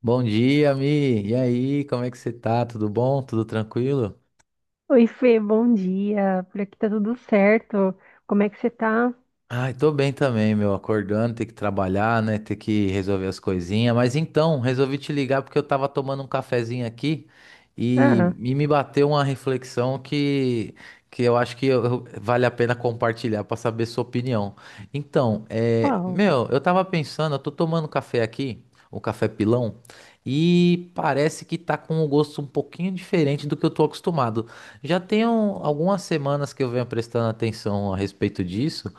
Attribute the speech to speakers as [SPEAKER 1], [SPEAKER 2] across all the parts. [SPEAKER 1] Bom dia, Mi. E aí, como é que você tá? Tudo bom? Tudo tranquilo?
[SPEAKER 2] Oi, Fê, bom dia. Por aqui tá tudo certo. Como é que você tá?
[SPEAKER 1] Ai, tô bem também, meu. Acordando, ter que trabalhar, né? Ter que resolver as coisinhas. Mas então, resolvi te ligar porque eu tava tomando um cafezinho aqui e,
[SPEAKER 2] Ah,
[SPEAKER 1] e me bateu uma reflexão que eu acho que vale a pena compartilhar pra saber sua opinião. Então,
[SPEAKER 2] qual?
[SPEAKER 1] meu, eu tava pensando, eu tô tomando café aqui, o café pilão, e parece que tá com um gosto um pouquinho diferente do que eu tô acostumado. Já tem algumas semanas que eu venho prestando atenção a respeito disso.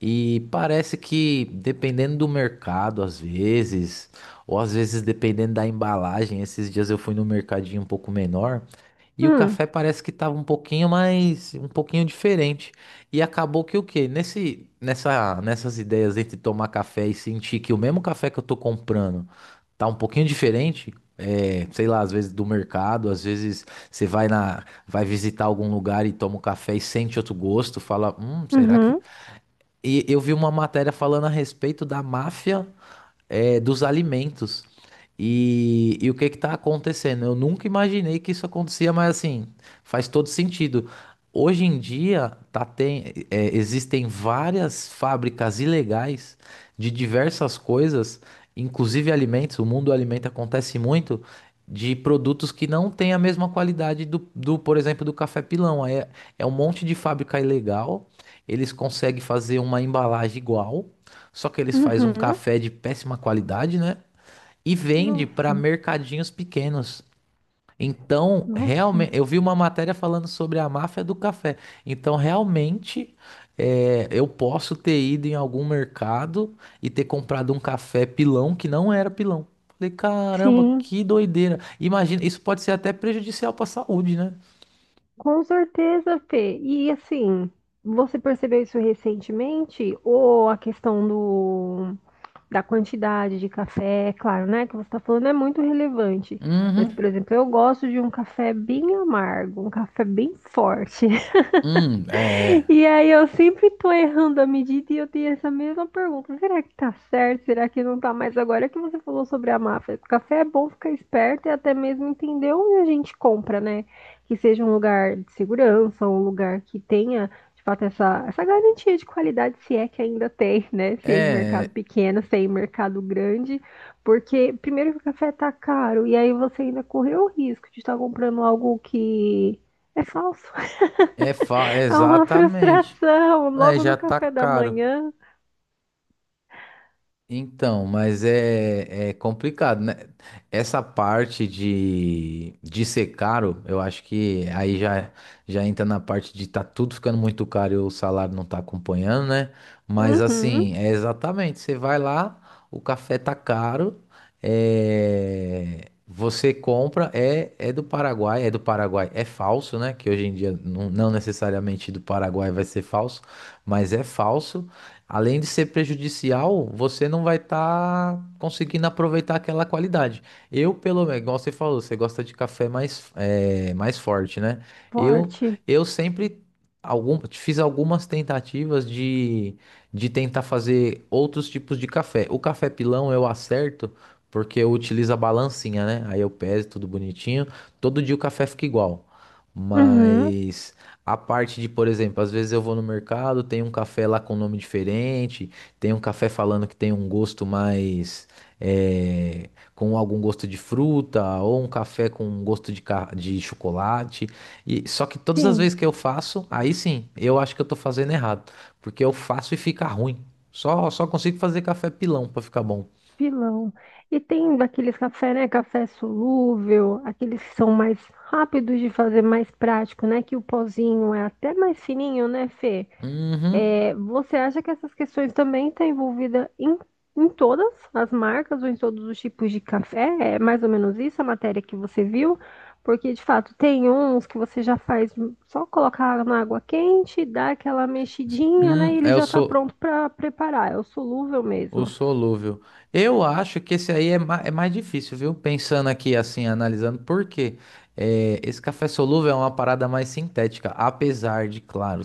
[SPEAKER 1] E parece que dependendo do mercado, às vezes, ou às vezes dependendo da embalagem, esses dias eu fui no mercadinho um pouco menor e o
[SPEAKER 2] Hum,
[SPEAKER 1] café parece que tava um pouquinho diferente. E acabou que o quê? Nessas ideias entre tomar café e sentir que o mesmo café que eu tô comprando tá um pouquinho diferente, sei lá, às vezes do mercado, às vezes você vai visitar algum lugar e toma um café e sente outro gosto, fala, será que.
[SPEAKER 2] uhum,
[SPEAKER 1] E eu vi uma matéria falando a respeito da máfia, dos alimentos. E o que está acontecendo? Eu nunca imaginei que isso acontecia, mas assim, faz todo sentido. Hoje em dia, tá, tem, existem várias fábricas ilegais de diversas coisas, inclusive alimentos. O mundo do alimento acontece muito de produtos que não têm a mesma qualidade do, por exemplo, do café pilão. É um monte de fábrica ilegal. Eles conseguem fazer uma embalagem igual, só que eles fazem um
[SPEAKER 2] uhum.
[SPEAKER 1] café de péssima qualidade, né? E vende para
[SPEAKER 2] Nossa,
[SPEAKER 1] mercadinhos pequenos. Então,
[SPEAKER 2] nossa.
[SPEAKER 1] realmente, eu vi uma matéria falando sobre a máfia do café. Então, realmente, eu posso ter ido em algum mercado e ter comprado um café pilão que não era pilão. Falei, caramba,
[SPEAKER 2] Sim,
[SPEAKER 1] que doideira. Imagina, isso pode ser até prejudicial para a saúde, né?
[SPEAKER 2] com certeza, Fê. E assim, você percebeu isso recentemente? Ou a questão do, da quantidade de café, é claro, né? Que você está falando é muito relevante. Mas, por
[SPEAKER 1] Uhum.
[SPEAKER 2] exemplo, eu gosto de um café bem amargo, um café bem forte.
[SPEAKER 1] Hum, é,
[SPEAKER 2] E aí eu sempre tô errando a medida e eu tenho essa mesma pergunta. Será que tá certo? Será que não tá mais? Agora que você falou sobre a máfia, café é bom ficar esperto e até mesmo entender onde a gente compra, né? Que seja um lugar de segurança, um lugar que tenha, de fato, essa garantia de qualidade, se é que ainda tem, né? Se é em mercado
[SPEAKER 1] é,
[SPEAKER 2] pequeno, se é em mercado grande. Porque, primeiro, que o café tá caro e aí você ainda correu o risco de estar comprando algo que é falso. É uma
[SPEAKER 1] Exatamente.
[SPEAKER 2] frustração,
[SPEAKER 1] É,
[SPEAKER 2] logo no
[SPEAKER 1] já tá
[SPEAKER 2] café da
[SPEAKER 1] caro.
[SPEAKER 2] manhã.
[SPEAKER 1] Então, mas é complicado, né? Essa parte de ser caro, eu acho que aí já entra na parte de tá tudo ficando muito caro e o salário não tá acompanhando, né? Mas
[SPEAKER 2] Uhum,
[SPEAKER 1] assim, é exatamente, você vai lá, o café tá caro, você compra, é do Paraguai, é falso, né? Que hoje em dia não, não necessariamente do Paraguai vai ser falso, mas é falso. Além de ser prejudicial, você não vai estar conseguindo aproveitar aquela qualidade. Eu, pelo menos, igual você falou, você gosta de café mais forte, né? Eu,
[SPEAKER 2] forte.
[SPEAKER 1] eu sempre fiz algumas tentativas de tentar fazer outros tipos de café. O café pilão eu acerto porque eu utilizo a balancinha, né? Aí eu peso tudo bonitinho. Todo dia o café fica igual.
[SPEAKER 2] Uhum,
[SPEAKER 1] Mas a parte de, por exemplo, às vezes eu vou no mercado, tem um café lá com nome diferente, tem um café falando que tem um gosto mais, eh, com algum gosto de fruta, ou um café com um gosto de chocolate. E só que todas as
[SPEAKER 2] sim,
[SPEAKER 1] vezes que eu faço, aí sim, eu acho que eu tô fazendo errado, porque eu faço e fica ruim. Só consigo fazer café pilão pra ficar bom.
[SPEAKER 2] pilão. E tem daqueles café, né? Café solúvel, aqueles que são mais rápidos de fazer, mais prático, né? Que o pozinho é até mais fininho, né, Fê?
[SPEAKER 1] Uhum.
[SPEAKER 2] É, você acha que essas questões também estão envolvidas em todas as marcas ou em todos os tipos de café? É mais ou menos isso a matéria que você viu? Porque, de fato, tem uns que você já faz só colocar na água quente, dá aquela mexidinha, né? E ele
[SPEAKER 1] Eu
[SPEAKER 2] já está
[SPEAKER 1] sou
[SPEAKER 2] pronto para preparar. É o solúvel
[SPEAKER 1] o
[SPEAKER 2] mesmo.
[SPEAKER 1] solúvel. Eu acho que esse aí é mais difícil, viu? Pensando aqui, assim, analisando, por quê? É, esse café solúvel é uma parada mais sintética, apesar de, claro,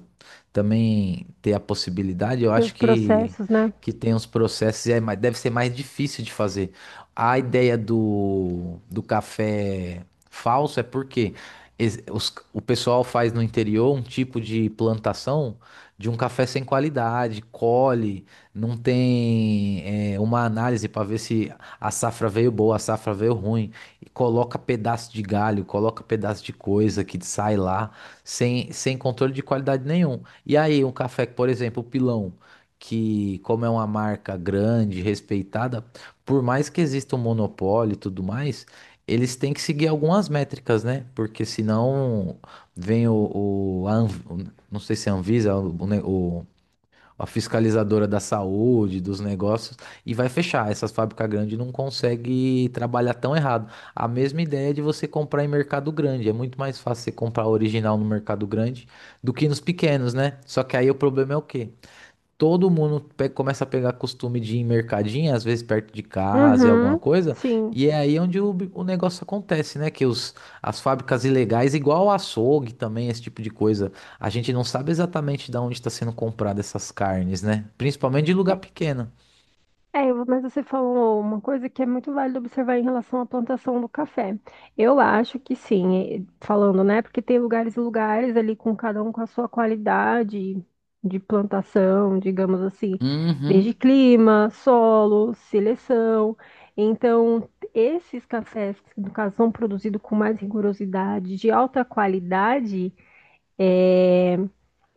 [SPEAKER 1] também ter a possibilidade, eu
[SPEAKER 2] Tem os
[SPEAKER 1] acho que,
[SPEAKER 2] processos, né?
[SPEAKER 1] que tem uns processos e deve ser mais difícil de fazer. A ideia do café falso é porque o pessoal faz no interior um tipo de plantação de um café sem qualidade, colhe, não tem, uma análise para ver se a safra veio boa, a safra veio ruim, e coloca pedaço de galho, coloca pedaço de coisa que sai lá, sem controle de qualidade nenhum. E aí, um café, que, por exemplo, o Pilão, que como é uma marca grande, respeitada, por mais que exista um monopólio e tudo mais, eles têm que seguir algumas métricas, né? Porque senão vem o, a Anv- o- não sei se é a Anvisa, o, a fiscalizadora da saúde, dos negócios, e vai fechar. Essas fábricas grandes não conseguem trabalhar tão errado. A mesma ideia de você comprar em mercado grande. É muito mais fácil você comprar original no mercado grande do que nos pequenos, né? Só que aí o problema é o quê? Todo mundo começa a pegar costume de ir em mercadinho, às vezes perto de casa e alguma
[SPEAKER 2] Uhum,
[SPEAKER 1] coisa,
[SPEAKER 2] sim.
[SPEAKER 1] e é aí onde o negócio acontece, né? Que as fábricas ilegais, igual o açougue também, esse tipo de coisa, a gente não sabe exatamente de onde está sendo comprada essas carnes, né? Principalmente de
[SPEAKER 2] É,
[SPEAKER 1] lugar pequeno.
[SPEAKER 2] Mas você falou uma coisa que é muito válido observar em relação à plantação do café. Eu acho que sim, falando, né? Porque tem lugares e lugares ali com cada um com a sua qualidade de plantação, digamos assim, desde
[SPEAKER 1] Uhum.
[SPEAKER 2] clima, solo, seleção. Então, esses cafés que, no caso, são produzidos com mais rigorosidade, de alta qualidade. É,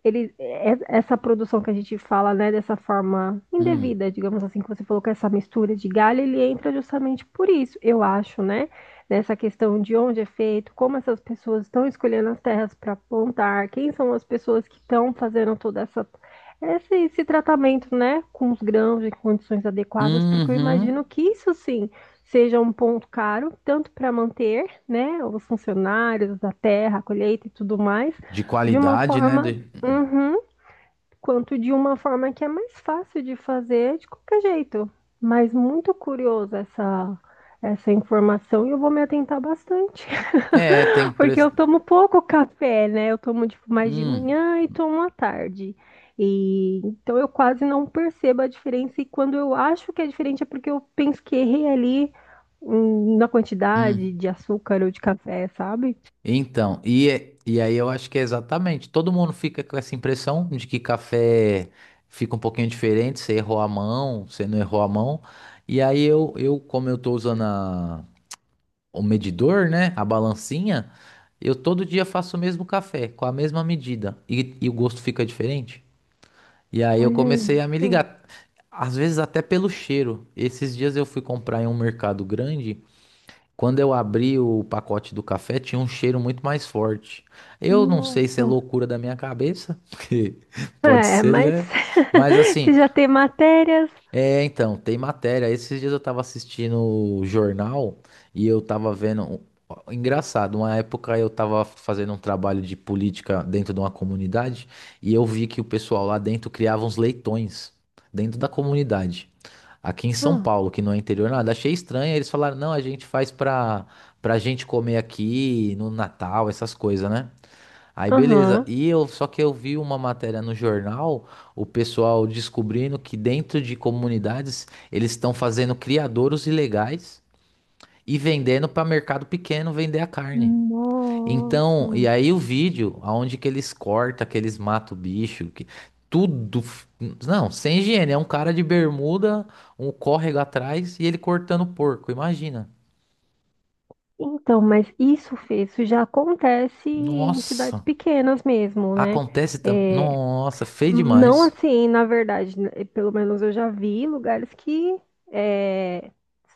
[SPEAKER 2] ele, essa produção que a gente fala, né, dessa forma
[SPEAKER 1] Hum.
[SPEAKER 2] indevida, digamos assim, que você falou com essa mistura de galho, ele entra justamente por isso, eu acho, né? Nessa questão de onde é feito, como essas pessoas estão escolhendo as terras para plantar, quem são as pessoas que estão fazendo toda essa esse tratamento, né, com os grãos em condições adequadas, porque eu
[SPEAKER 1] Uhum.
[SPEAKER 2] imagino que isso sim seja um ponto caro, tanto para manter, né, os funcionários da terra, a colheita e tudo mais
[SPEAKER 1] De
[SPEAKER 2] de uma
[SPEAKER 1] qualidade, né?
[SPEAKER 2] forma.
[SPEAKER 1] De...
[SPEAKER 2] Uhum, quanto de uma forma que é mais fácil de fazer de qualquer jeito. Mas muito curiosa essa, essa informação e eu vou me atentar bastante.
[SPEAKER 1] É, tem
[SPEAKER 2] Porque eu
[SPEAKER 1] preço.
[SPEAKER 2] tomo pouco café, né? Eu tomo tipo, mais de
[SPEAKER 1] Hum.
[SPEAKER 2] manhã e tomo à tarde. E então eu quase não percebo a diferença. E quando eu acho que é diferente é porque eu penso que errei ali, na quantidade
[SPEAKER 1] Hum.
[SPEAKER 2] de açúcar ou de café, sabe?
[SPEAKER 1] Então, e aí eu acho que é exatamente. Todo mundo fica com essa impressão de que café fica um pouquinho diferente, você errou a mão, você não errou a mão. E aí eu como eu tô usando o medidor, né, a balancinha, eu todo dia faço o mesmo café, com a mesma medida, e o gosto fica diferente. E aí eu
[SPEAKER 2] Olha
[SPEAKER 1] comecei a me
[SPEAKER 2] isso.
[SPEAKER 1] ligar. Às vezes até pelo cheiro. Esses dias eu fui comprar em um mercado grande. Quando eu abri o pacote do café, tinha um cheiro muito mais forte. Eu não sei se é
[SPEAKER 2] Nossa.
[SPEAKER 1] loucura da minha cabeça, porque pode
[SPEAKER 2] É,
[SPEAKER 1] ser,
[SPEAKER 2] mas
[SPEAKER 1] né? Mas
[SPEAKER 2] se
[SPEAKER 1] assim,
[SPEAKER 2] já tem matérias.
[SPEAKER 1] então, tem matéria. Esses dias eu tava assistindo o jornal e eu tava vendo. Ó, engraçado, uma época eu tava fazendo um trabalho de política dentro de uma comunidade e eu vi que o pessoal lá dentro criava uns leitões dentro da comunidade. Aqui em São
[SPEAKER 2] Ah,
[SPEAKER 1] Paulo, que não é interior nada, achei estranho. Eles falaram: não, a gente faz pra gente comer aqui no Natal, essas coisas, né? Aí beleza.
[SPEAKER 2] aham.
[SPEAKER 1] E eu Só que eu vi uma matéria no jornal, o pessoal descobrindo que dentro de comunidades eles estão fazendo criadouros ilegais e vendendo para mercado pequeno vender a carne. Então, e
[SPEAKER 2] Nossa.
[SPEAKER 1] aí o vídeo, aonde que eles cortam, que eles matam o bicho, que tudo, não, sem higiene, é um cara de bermuda, um córrego atrás e ele cortando porco, imagina.
[SPEAKER 2] Então, mas isso, Fê, isso já acontece em cidades
[SPEAKER 1] Nossa,
[SPEAKER 2] pequenas mesmo, né?
[SPEAKER 1] acontece também.
[SPEAKER 2] É,
[SPEAKER 1] Nossa, feio
[SPEAKER 2] não
[SPEAKER 1] demais.
[SPEAKER 2] assim, na verdade, né, pelo menos eu já vi lugares que é,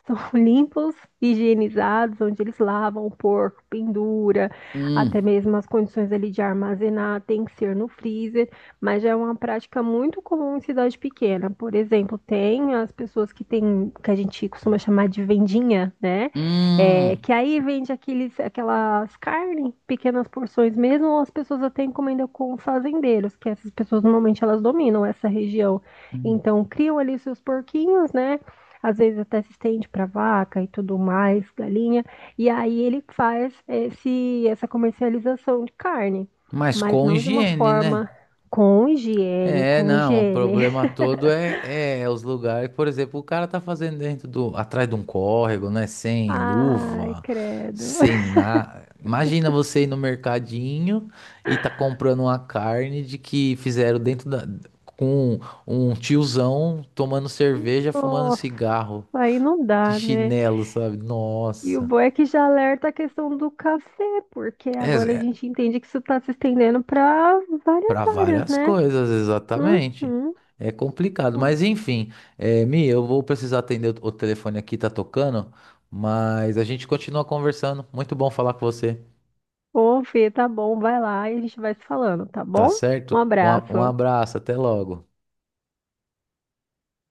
[SPEAKER 2] são limpos, higienizados, onde eles lavam o porco, pendura, até
[SPEAKER 1] Hum,
[SPEAKER 2] mesmo as condições ali de armazenar tem que ser no freezer, mas já é uma prática muito comum em cidade pequena. Por exemplo, tem as pessoas que tem, que a gente costuma chamar de vendinha, né? É,
[SPEAKER 1] hum,
[SPEAKER 2] que aí vende aqueles, aquelas carnes, pequenas porções mesmo, ou as pessoas até encomendam com fazendeiros, que essas pessoas normalmente elas dominam essa região.
[SPEAKER 1] hum.
[SPEAKER 2] Então criam ali seus porquinhos, né? Às vezes até se estende para vaca e tudo mais, galinha. E aí ele faz esse, essa comercialização de carne,
[SPEAKER 1] Mas
[SPEAKER 2] mas
[SPEAKER 1] com
[SPEAKER 2] não de uma
[SPEAKER 1] higiene, né?
[SPEAKER 2] forma com higiene,
[SPEAKER 1] É,
[SPEAKER 2] com
[SPEAKER 1] não, o
[SPEAKER 2] higiene.
[SPEAKER 1] problema todo é os lugares. Por exemplo, o cara tá fazendo atrás de um córrego, né? Sem
[SPEAKER 2] Ai,
[SPEAKER 1] luva,
[SPEAKER 2] credo.
[SPEAKER 1] sem nada. Imagina você ir no mercadinho e tá comprando uma carne de que fizeram com um tiozão tomando cerveja, fumando
[SPEAKER 2] Nossa,
[SPEAKER 1] cigarro
[SPEAKER 2] aí não
[SPEAKER 1] de
[SPEAKER 2] dá, né?
[SPEAKER 1] chinelo, sabe?
[SPEAKER 2] E o
[SPEAKER 1] Nossa.
[SPEAKER 2] bom é que já alerta a questão do café, porque
[SPEAKER 1] É,
[SPEAKER 2] agora a
[SPEAKER 1] é,
[SPEAKER 2] gente entende que isso está se estendendo para
[SPEAKER 1] Para
[SPEAKER 2] várias áreas,
[SPEAKER 1] várias
[SPEAKER 2] né?
[SPEAKER 1] coisas, exatamente.
[SPEAKER 2] Uhum.
[SPEAKER 1] É complicado, mas enfim, Mi, eu vou precisar atender o telefone aqui, tá tocando, mas a gente continua conversando. Muito bom falar com você,
[SPEAKER 2] Ô, Fê, tá bom, vai lá e a gente vai se falando, tá
[SPEAKER 1] tá
[SPEAKER 2] bom? Um
[SPEAKER 1] certo? Um
[SPEAKER 2] abraço.
[SPEAKER 1] abraço, até logo.